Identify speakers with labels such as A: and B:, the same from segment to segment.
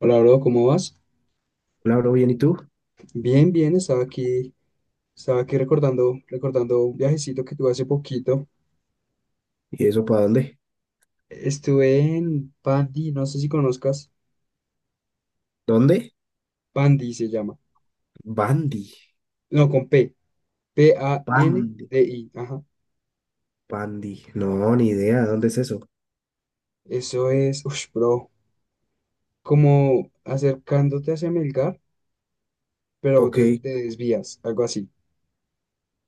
A: Hola, bro, ¿cómo vas?
B: Hola, bro, bien, ¿y tú?
A: Bien, bien, estaba aquí recordando un viajecito que tuve hace poquito.
B: ¿Y eso para dónde?
A: Estuve en Pandi, no sé si conozcas,
B: ¿Dónde?
A: Pandi se llama.
B: Bandy,
A: No, con P,
B: Bandy,
A: PANDI, ajá.
B: Bandy. No, ni idea, ¿dónde es eso?
A: Eso es, uff, bro, como acercándote hacia Melgar, pero
B: Ok,
A: te desvías, algo así.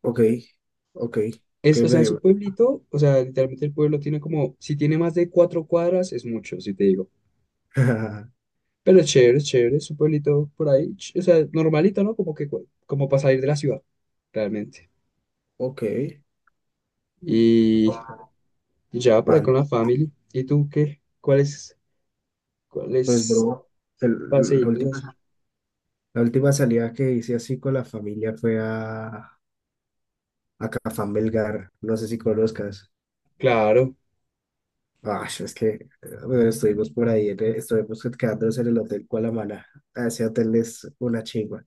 B: ok, ok, ok,
A: Es, o sea, es un
B: medio.
A: pueblito, o sea, literalmente el pueblo tiene como, si tiene más de cuatro cuadras, es mucho, si te digo. Pero es chévere, es chévere, es un pueblito por ahí, o sea, normalito, ¿no? Como que, como para salir de la ciudad, realmente.
B: Ok,
A: Y y ya por ahí
B: Bandy.
A: con la family. ¿Y tú qué? ¿Cuáles,
B: Pues,
A: cuáles
B: bro, el- la
A: paseitos
B: última,
A: así?
B: la última salida que hice así con la familia fue a Cafán Belgar, no sé si conozcas.
A: Claro,
B: Ah, es que bueno, estuvimos por ahí, en estuvimos quedándonos en el Hotel Cualamana. Ese hotel es una chingua.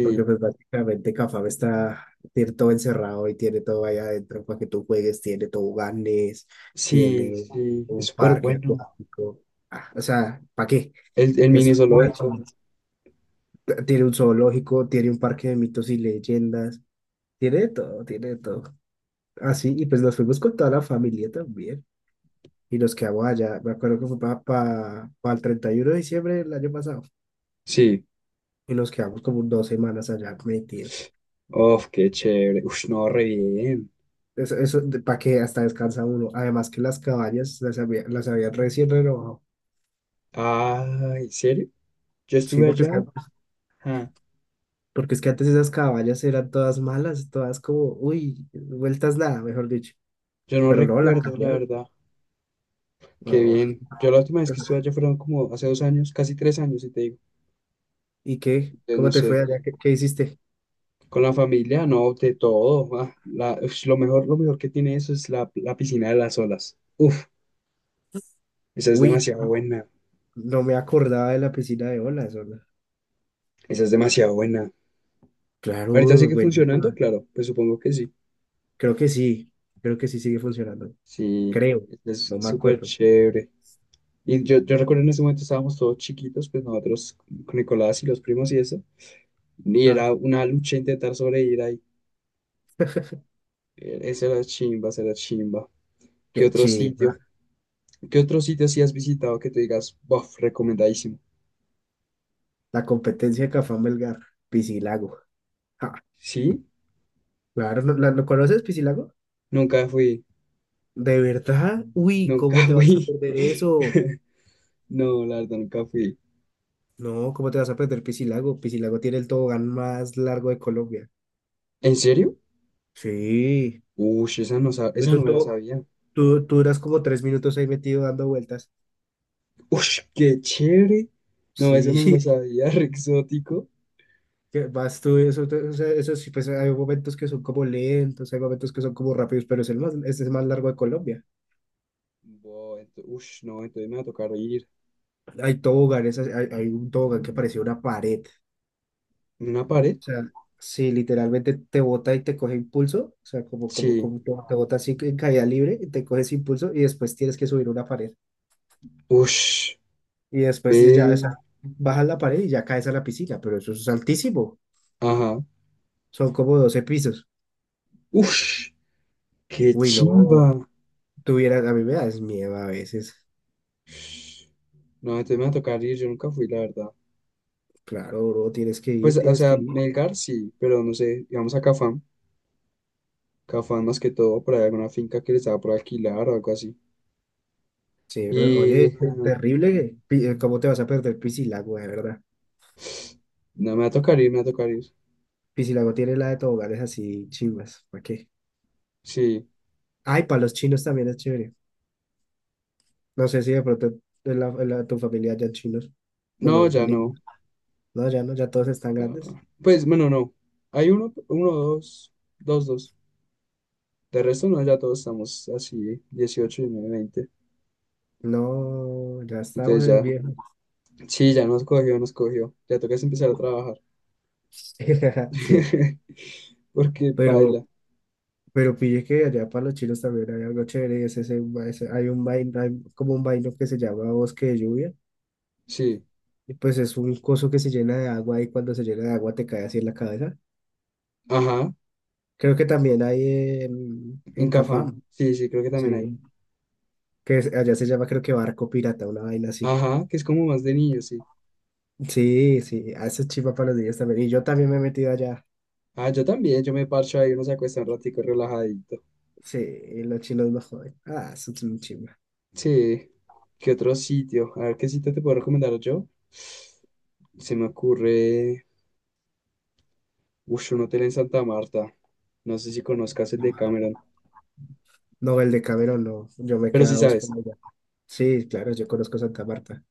B: Porque pues básicamente Cafam está, tiene todo encerrado y tiene todo allá adentro para que tú juegues, tiene toboganes,
A: sí,
B: tiene un
A: sí, es
B: un
A: súper
B: parque
A: bueno.
B: acuático. Ah, o sea, ¿para qué?
A: El
B: Es
A: mini
B: pura
A: zoológico,
B: chimba. Tiene un zoológico, tiene un parque de mitos y leyendas, tiene de todo, tiene de todo. Así, y pues nos fuimos con toda la familia también. Y nos quedamos allá, me acuerdo que fue para el 31 de diciembre del año pasado.
A: sí.
B: Y nos quedamos como 2 semanas allá metidos.
A: Uf, qué chévere. Uf, no, re bien.
B: Eso para que hasta descansa uno. Además, que las caballas las había, las habían recién renovado.
A: Ah, ¿en serio? Yo
B: Sí,
A: estuve
B: porque es
A: allá,
B: que,
A: ah,
B: antes esas caballas eran todas malas, todas como, uy, vueltas nada, mejor dicho.
A: yo no
B: Pero no, la
A: recuerdo, la
B: cambiaron.
A: verdad. Qué
B: No.
A: bien. Yo la última vez que estuve allá fueron como hace 2 años, casi 3 años, y te digo,
B: ¿Y qué?
A: entonces, no
B: ¿Cómo te fue
A: sé,
B: allá? ¿Qué hiciste?
A: con la familia, no, de todo. Ah, ush, lo mejor que tiene eso es la piscina de las olas. Uf, esa es
B: Uy,
A: demasiado buena,
B: no me acordaba de la piscina de olas, hola.
A: esa es demasiado buena. Ahorita
B: Claro,
A: sigue funcionando,
B: buenísima.
A: claro, pues supongo que sí.
B: Creo que sí, creo que sí sigue funcionando.
A: Sí,
B: Creo,
A: es
B: no me
A: súper
B: acuerdo.
A: chévere. Y yo recuerdo en ese momento estábamos todos chiquitos, pues nosotros con Nicolás y los primos y eso, y
B: Ah,
A: era una lucha intentar sobrevivir ahí. Esa era chimba, esa era chimba. ¿Qué
B: qué
A: otro
B: chiva.
A: sitio? ¿Qué otro sitio sí has visitado que te digas, bof, recomendadísimo?
B: La competencia de Cafán Melgar, Piscilago. Ah,
A: Sí,
B: claro, ¿lo conoces, Piscilago?
A: nunca fui,
B: ¿De verdad? Uy,
A: nunca
B: ¿cómo te vas a
A: fui.
B: perder eso?
A: No, la verdad, nunca fui.
B: No, ¿cómo te vas a perder Piscilago? Piscilago tiene el tobogán más largo de Colombia.
A: ¿En serio?
B: Sí,
A: Ush, esa no, esa no
B: eso
A: me la
B: todo,
A: sabía.
B: tú duras como 3 minutos ahí metido dando vueltas.
A: Ush, qué chévere. No, eso
B: Sí,
A: no me lo sabía, re exótico.
B: que vas tú, eso, o sea, eso sí, pues hay momentos que son como lentos, hay momentos que son como rápidos, pero es el más largo de Colombia.
A: Ush, no, entonces me va a tocar ir.
B: Hay toboganes, hay un tobogán que parecía una pared.
A: ¿En ¿Una pared?
B: O sea, si literalmente te bota y te coge impulso, o sea, como, como,
A: Sí.
B: como te bota así en caída libre, y te coges impulso y después tienes que subir una pared.
A: Ush,
B: Y después ya, o sea,
A: ve.
B: bajas la pared y ya caes a la piscina, pero eso es altísimo.
A: Ajá.
B: Son como 12 pisos.
A: Ush, qué
B: Uy,
A: chimba.
B: no, tuvieras, a mí me das miedo a veces.
A: No, entonces me va a tocar ir, yo nunca fui, la verdad.
B: Claro, bro, tienes que
A: Pues,
B: ir,
A: o
B: tienes que
A: sea,
B: ir.
A: Melgar sí, pero no sé, digamos a Cafam, Cafam más que todo, por ahí alguna finca que les estaba por alquilar o algo así.
B: Sí,
A: Y
B: pero, oye,
A: no,
B: terrible, ¿cómo te vas a perder Piscilago, de verdad?
A: me va a tocar ir, me va a tocar ir.
B: Piscilago tiene la de toboganes así chimbas, ¿para qué?
A: Sí,
B: Ay, para los chinos también es chévere. No sé si de pronto tu familia ya chinos.
A: no,
B: Bueno,
A: ya no.
B: niños. No, ya no, ya todos están
A: Ah,
B: grandes.
A: pues, bueno, no. Hay uno, uno, dos, dos, dos. De resto, no, ya todos estamos así, 18 19, 20.
B: No, ya estamos
A: Entonces
B: es
A: ya,
B: viejos.
A: sí, ya nos cogió, nos cogió. Ya toca es empezar a trabajar.
B: Sí,
A: Porque
B: pero,
A: baila.
B: pero pille que allá para los chinos también hay algo chévere. Y es hay como un vaino que se llama bosque de lluvia.
A: Sí,
B: Y pues es un coso que se llena de agua y cuando se llena de agua te cae así en la cabeza.
A: ajá,
B: Creo que también hay en,
A: en
B: en
A: Cafam.
B: Cafam,
A: Sí, sí, creo que
B: sí,
A: también hay.
B: que allá se llama creo que barco pirata, una vaina así.
A: Ajá, que es como más de niño, sí.
B: Sí, sí, a eso es chiva para los días también. Y yo también me he metido allá.
A: Ah, yo también, yo me parcho ahí, uno se acuesta un ratico relajadito.
B: Sí, y los chinos no joden. Ah, eso es muy chiva.
A: Sí, ¿qué otro sitio? A ver, ¿qué sitio te puedo recomendar yo? Se me ocurre, uff, un hotel en Santa Marta. No sé si conozcas el de Cameron,
B: No, el de Cameron no. Yo me
A: pero sí
B: quedaba por
A: sabes.
B: allá. Sí, claro, yo conozco Santa Marta.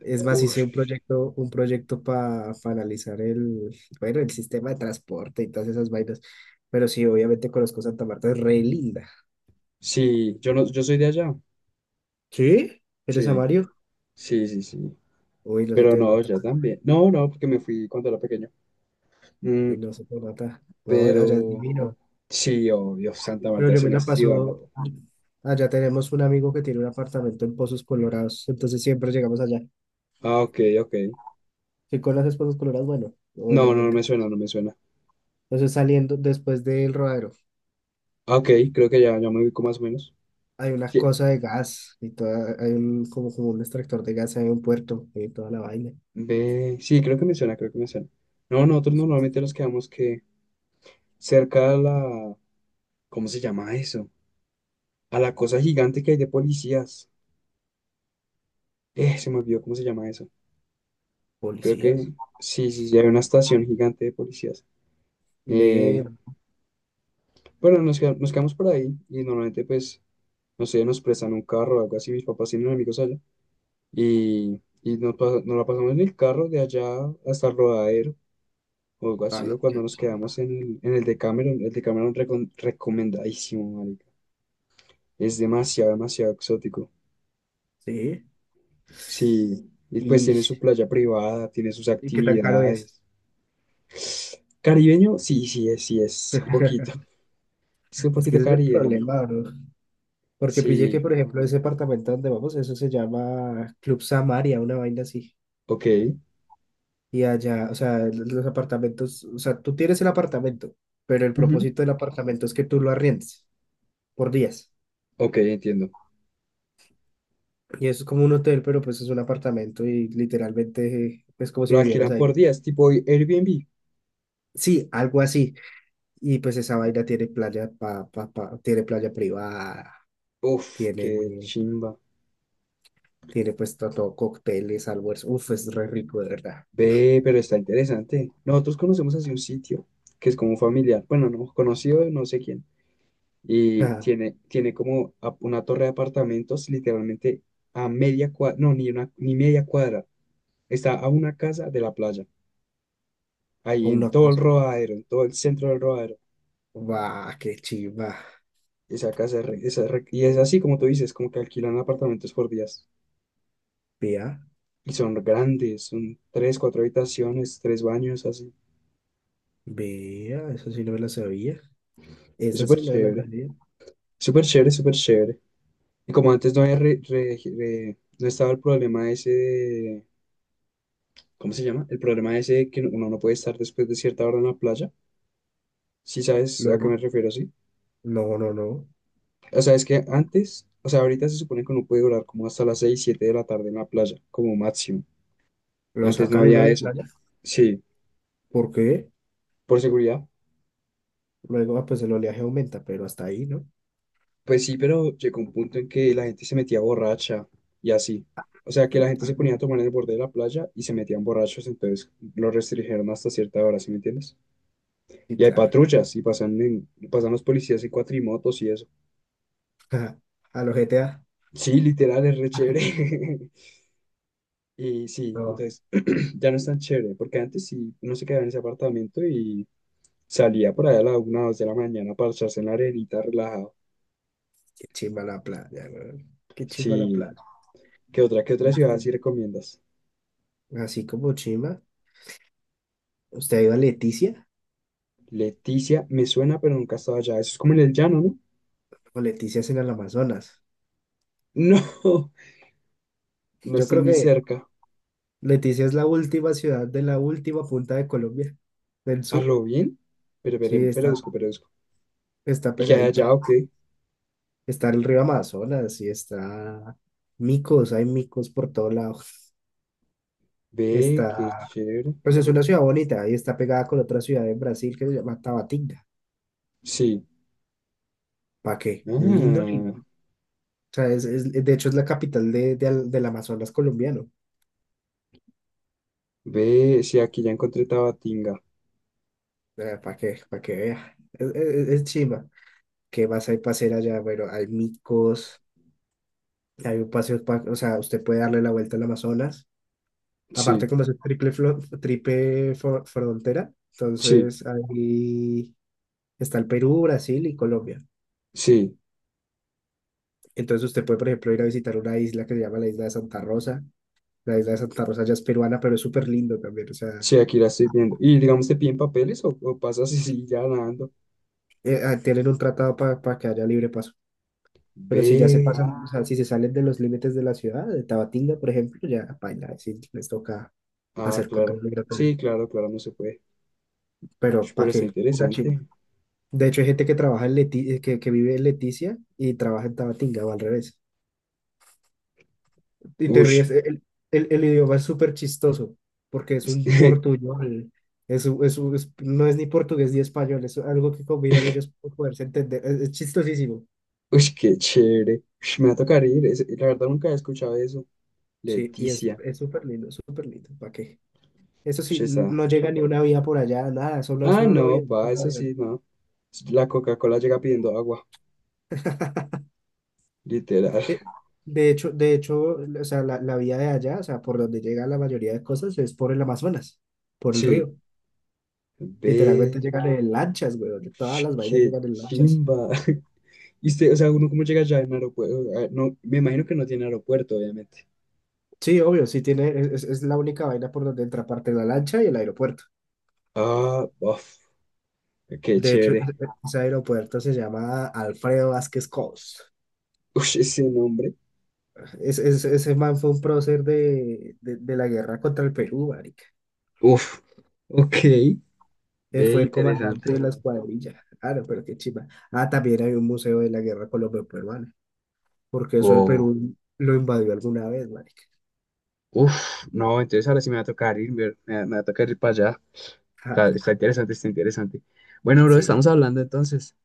B: Es más, hice
A: Uff,
B: un proyecto para analizar el, bueno, el sistema de transporte y todas esas vainas. Pero sí, obviamente conozco Santa Marta, es re linda.
A: sí, yo no, yo soy de allá.
B: ¿Sí? ¿Eres a
A: Sí,
B: Mario?
A: sí, sí, sí.
B: Uy, no se
A: Pero
B: te
A: no,
B: nota.
A: ya también. No, no, porque me fui cuando era pequeño. Mm,
B: Uy, no se te nota. No, allá es
A: pero
B: divino.
A: sí, obvio, Santa
B: Pero
A: Marta
B: yo
A: es
B: me
A: una
B: la
A: ciudad.
B: paso, allá tenemos un amigo que tiene un apartamento en Pozos Colorados, entonces siempre llegamos allá.
A: Ah, ok, ok.
B: ¿Qué conoces Pozos Colorados? Bueno,
A: No, no
B: obviamente.
A: me suena, no me suena.
B: Entonces, saliendo después del rodadero,
A: Ah, ok, creo que ya, ya me ubico más o menos.
B: hay una
A: Sí,
B: cosa de gas y toda, hay un, como un extractor de gas, hay un puerto y toda la vaina.
A: ve, sí, creo que me suena, creo que me suena. No, nosotros normalmente nos quedamos que cerca a la, ¿cómo se llama eso? A la cosa gigante que hay de policías. Se me olvidó cómo se llama eso. Creo
B: Policías.
A: que sí, sí, sí, hay una estación gigante de policías.
B: Ve,
A: Eh, bueno, nos, nos quedamos por ahí y normalmente pues, no sé, nos prestan un carro o algo así, mis papás tienen amigos allá y nos, nos la pasamos en el carro de allá hasta el rodadero o algo
B: a
A: así,
B: la-
A: o cuando
B: que-
A: nos quedamos en el Decameron recomendadísimo, marica. Es demasiado, demasiado exótico.
B: sí.
A: Sí, y pues
B: ¿Y,
A: tiene su playa privada, tiene sus
B: y qué tan caro es?
A: actividades. Caribeño, sí, sí, es un poquito. Es un
B: Es que
A: poquito
B: ese es el
A: caribeño.
B: problema, bro. Porque pillé que,
A: Sí,
B: por ejemplo, ese apartamento donde vamos, eso se llama Club Samaria, una vaina así.
A: ok,
B: Y allá, o sea, los apartamentos, o sea, tú tienes el apartamento, pero el
A: ujú.
B: propósito del apartamento es que tú lo arriendes por días.
A: Ok, entiendo.
B: Y eso es como un hotel, pero pues es un apartamento y literalmente es como si
A: Lo
B: vivieras
A: alquilan
B: ahí.
A: por días, tipo Airbnb.
B: Sí, algo así. Y pues esa vaina tiene playa tiene playa privada,
A: Uf,
B: tiene,
A: qué chimba.
B: tiene pues todo, cócteles, almuerzo. Uf, es re rico, de verdad. Uf,
A: Ve, pero está interesante. Nosotros conocemos así un sitio que es como familiar. Bueno, no, conocido, de no sé quién. Y
B: ah,
A: tiene como una torre de apartamentos literalmente a media cuadra, no, ni una, ni media cuadra. Está a una casa de la playa, ahí en
B: una
A: todo el
B: cosa.
A: Rodadero, en todo el centro del Rodadero.
B: Guau, qué chiva.
A: Esa casa es, esa es y es así como tú dices, como que alquilan apartamentos por días.
B: Vea,
A: Y son grandes, son tres, cuatro habitaciones, tres baños, así.
B: vea, eso sí no me la sabía.
A: Es
B: Esa
A: súper
B: sí no me la
A: chévere,
B: sabía.
A: súper chévere, súper chévere. Y como antes no había no estaba el problema ese, ¿cómo se llama? El problema ese de que uno no puede estar después de cierta hora en la playa. Si sabes a qué
B: Luego,
A: me refiero, sí.
B: no, no, no.
A: O sea, es que antes, o sea, ahorita se supone que uno puede durar como hasta las 6, 7 de la tarde en la playa, como máximo.
B: Lo
A: Antes no
B: sacan a uno
A: había
B: de la
A: eso.
B: playa.
A: Sí,
B: ¿Por qué?
A: por seguridad.
B: Luego, ah, pues el oleaje aumenta, pero hasta ahí, ¿no?
A: Pues sí, pero llegó un punto en que la gente se metía borracha y así. O sea, que la gente
B: Ah,
A: se
B: sí,
A: ponía a tomar en el borde de la playa y se metían borrachos, entonces lo restringieron hasta cierta hora, ¿sí me entiendes?
B: sí,
A: Y hay
B: claro.
A: patrullas y pasan, pasan los policías en cuatrimotos y eso.
B: A los GTA.
A: Sí, literal, es re chévere. Y sí,
B: No,
A: entonces ya no es tan chévere, porque antes sí uno se quedaba en ese apartamento y salía por allá a la una o dos de la mañana para echarse en la arenita relajado.
B: qué chimba la playa, weón. Qué chimba la
A: Sí,
B: playa.
A: qué otra ciudad sí
B: Lástima.
A: recomiendas?
B: Así como chimba, ¿usted ha ido a Leticia?
A: Leticia, me suena, pero nunca he estado allá. Eso es como en el llano, ¿no?
B: O Leticia es en el Amazonas.
A: No, no
B: Yo
A: estoy
B: creo
A: ni
B: que
A: cerca.
B: Leticia es la última ciudad de la última punta de Colombia, del
A: ¿A
B: sur.
A: lo bien?
B: Sí,
A: Pero busco,
B: está
A: pero busco.
B: Está
A: ¿Y qué hay allá
B: pegadita.
A: o qué?
B: Está el río Amazonas y está micos, hay micos por todo lado.
A: Ve, qué
B: Está,
A: chévere.
B: pues es una ciudad bonita y está pegada con otra ciudad en Brasil que se llama Tabatinga.
A: Sí.
B: ¿Para qué? Lindo, lindo.
A: Ah,
B: O sea, de hecho es la capital del Amazonas colombiano.
A: ve, sí, aquí ya encontré Tabatinga.
B: ¿Para qué? Para que vea. Es chimba. ¿Qué más hay para hacer allá? Bueno, hay micos, hay un paseo, o sea, usted puede darle la vuelta al Amazonas. Aparte,
A: Sí.
B: como es triple, triple frontera,
A: Sí,
B: entonces ahí está el Perú, Brasil y Colombia.
A: sí,
B: Entonces usted puede, por ejemplo, ir a visitar una isla que se llama la isla de Santa Rosa. La isla de Santa Rosa ya es peruana, pero es súper lindo también. O sea,
A: sí, aquí la estoy viendo. Y digamos, ¿te piden papeles o pasas y sigues ya nadando?
B: ah, tienen un tratado para que haya libre paso. Pero si ya se pasan,
A: Ve.
B: o sea, si se salen de los límites de la ciudad, de Tabatinga, por ejemplo, ya, paila, sí, les toca
A: Ah,
B: hacer control
A: claro.
B: migratorio.
A: Sí, claro, claro, no se puede. Ush,
B: Pero, ¿para
A: pero está
B: qué? Una chi-
A: interesante.
B: De hecho, hay gente que trabaja en que vive en Leticia y trabaja en Tabatinga o al revés. Y te ríes,
A: Ush.
B: el idioma es súper chistoso porque es un portuñol, no es ni portugués ni español, es algo que combinan ellos para poderse entender. Es chistosísimo.
A: Ush, qué chévere. Ush, me va a tocar ir. La verdad nunca he escuchado eso.
B: Sí, y es,
A: Leticia.
B: es súper lindo, súper lindo. ¿Para qué? Eso sí,
A: Ush, esa.
B: no llega ni una vía por allá, nada, solo,
A: Ah,
B: solo el
A: no,
B: avión,
A: pa,
B: solo
A: eso
B: el avión.
A: sí, no. La Coca-Cola llega pidiendo agua. Literal.
B: De, de hecho, o sea, la vía de allá, o sea, por donde llega la mayoría de cosas es por el Amazonas, por el
A: Sí.
B: río. Literalmente
A: Ve.
B: llegan en lanchas, güey. De Todas
A: Ush,
B: las vainas
A: qué
B: llegan en lanchas.
A: chimba. Y usted, o sea, uno cómo llega allá en aeropuerto. No, me imagino que no tiene aeropuerto, obviamente.
B: Sí, obvio, sí tiene, es la única vaina por donde entra aparte la lancha y el aeropuerto.
A: Ah, uf, qué
B: De hecho, ese
A: chévere.
B: ese aeropuerto se llama Alfredo Vázquez Cos.
A: Uf, ese nombre.
B: Ese man fue un prócer de la guerra contra el Perú, marica.
A: Uf, ok. Ve,
B: Fue el comandante
A: interesante.
B: de la escuadrilla. Ah, no, pero qué chimba. Ah, también hay un museo de la guerra colombo-peruana, porque eso el
A: Oh,
B: Perú lo invadió alguna vez, marica.
A: uf, no, entonces ahora sí me va a tocar ir, me, me va a tocar ir para allá. Está, está
B: Ah,
A: interesante, está interesante. Bueno, bro,
B: sí, sí.
A: estamos hablando entonces.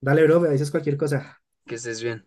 B: Dale, bro, me dices cualquier cosa.
A: Que estés bien.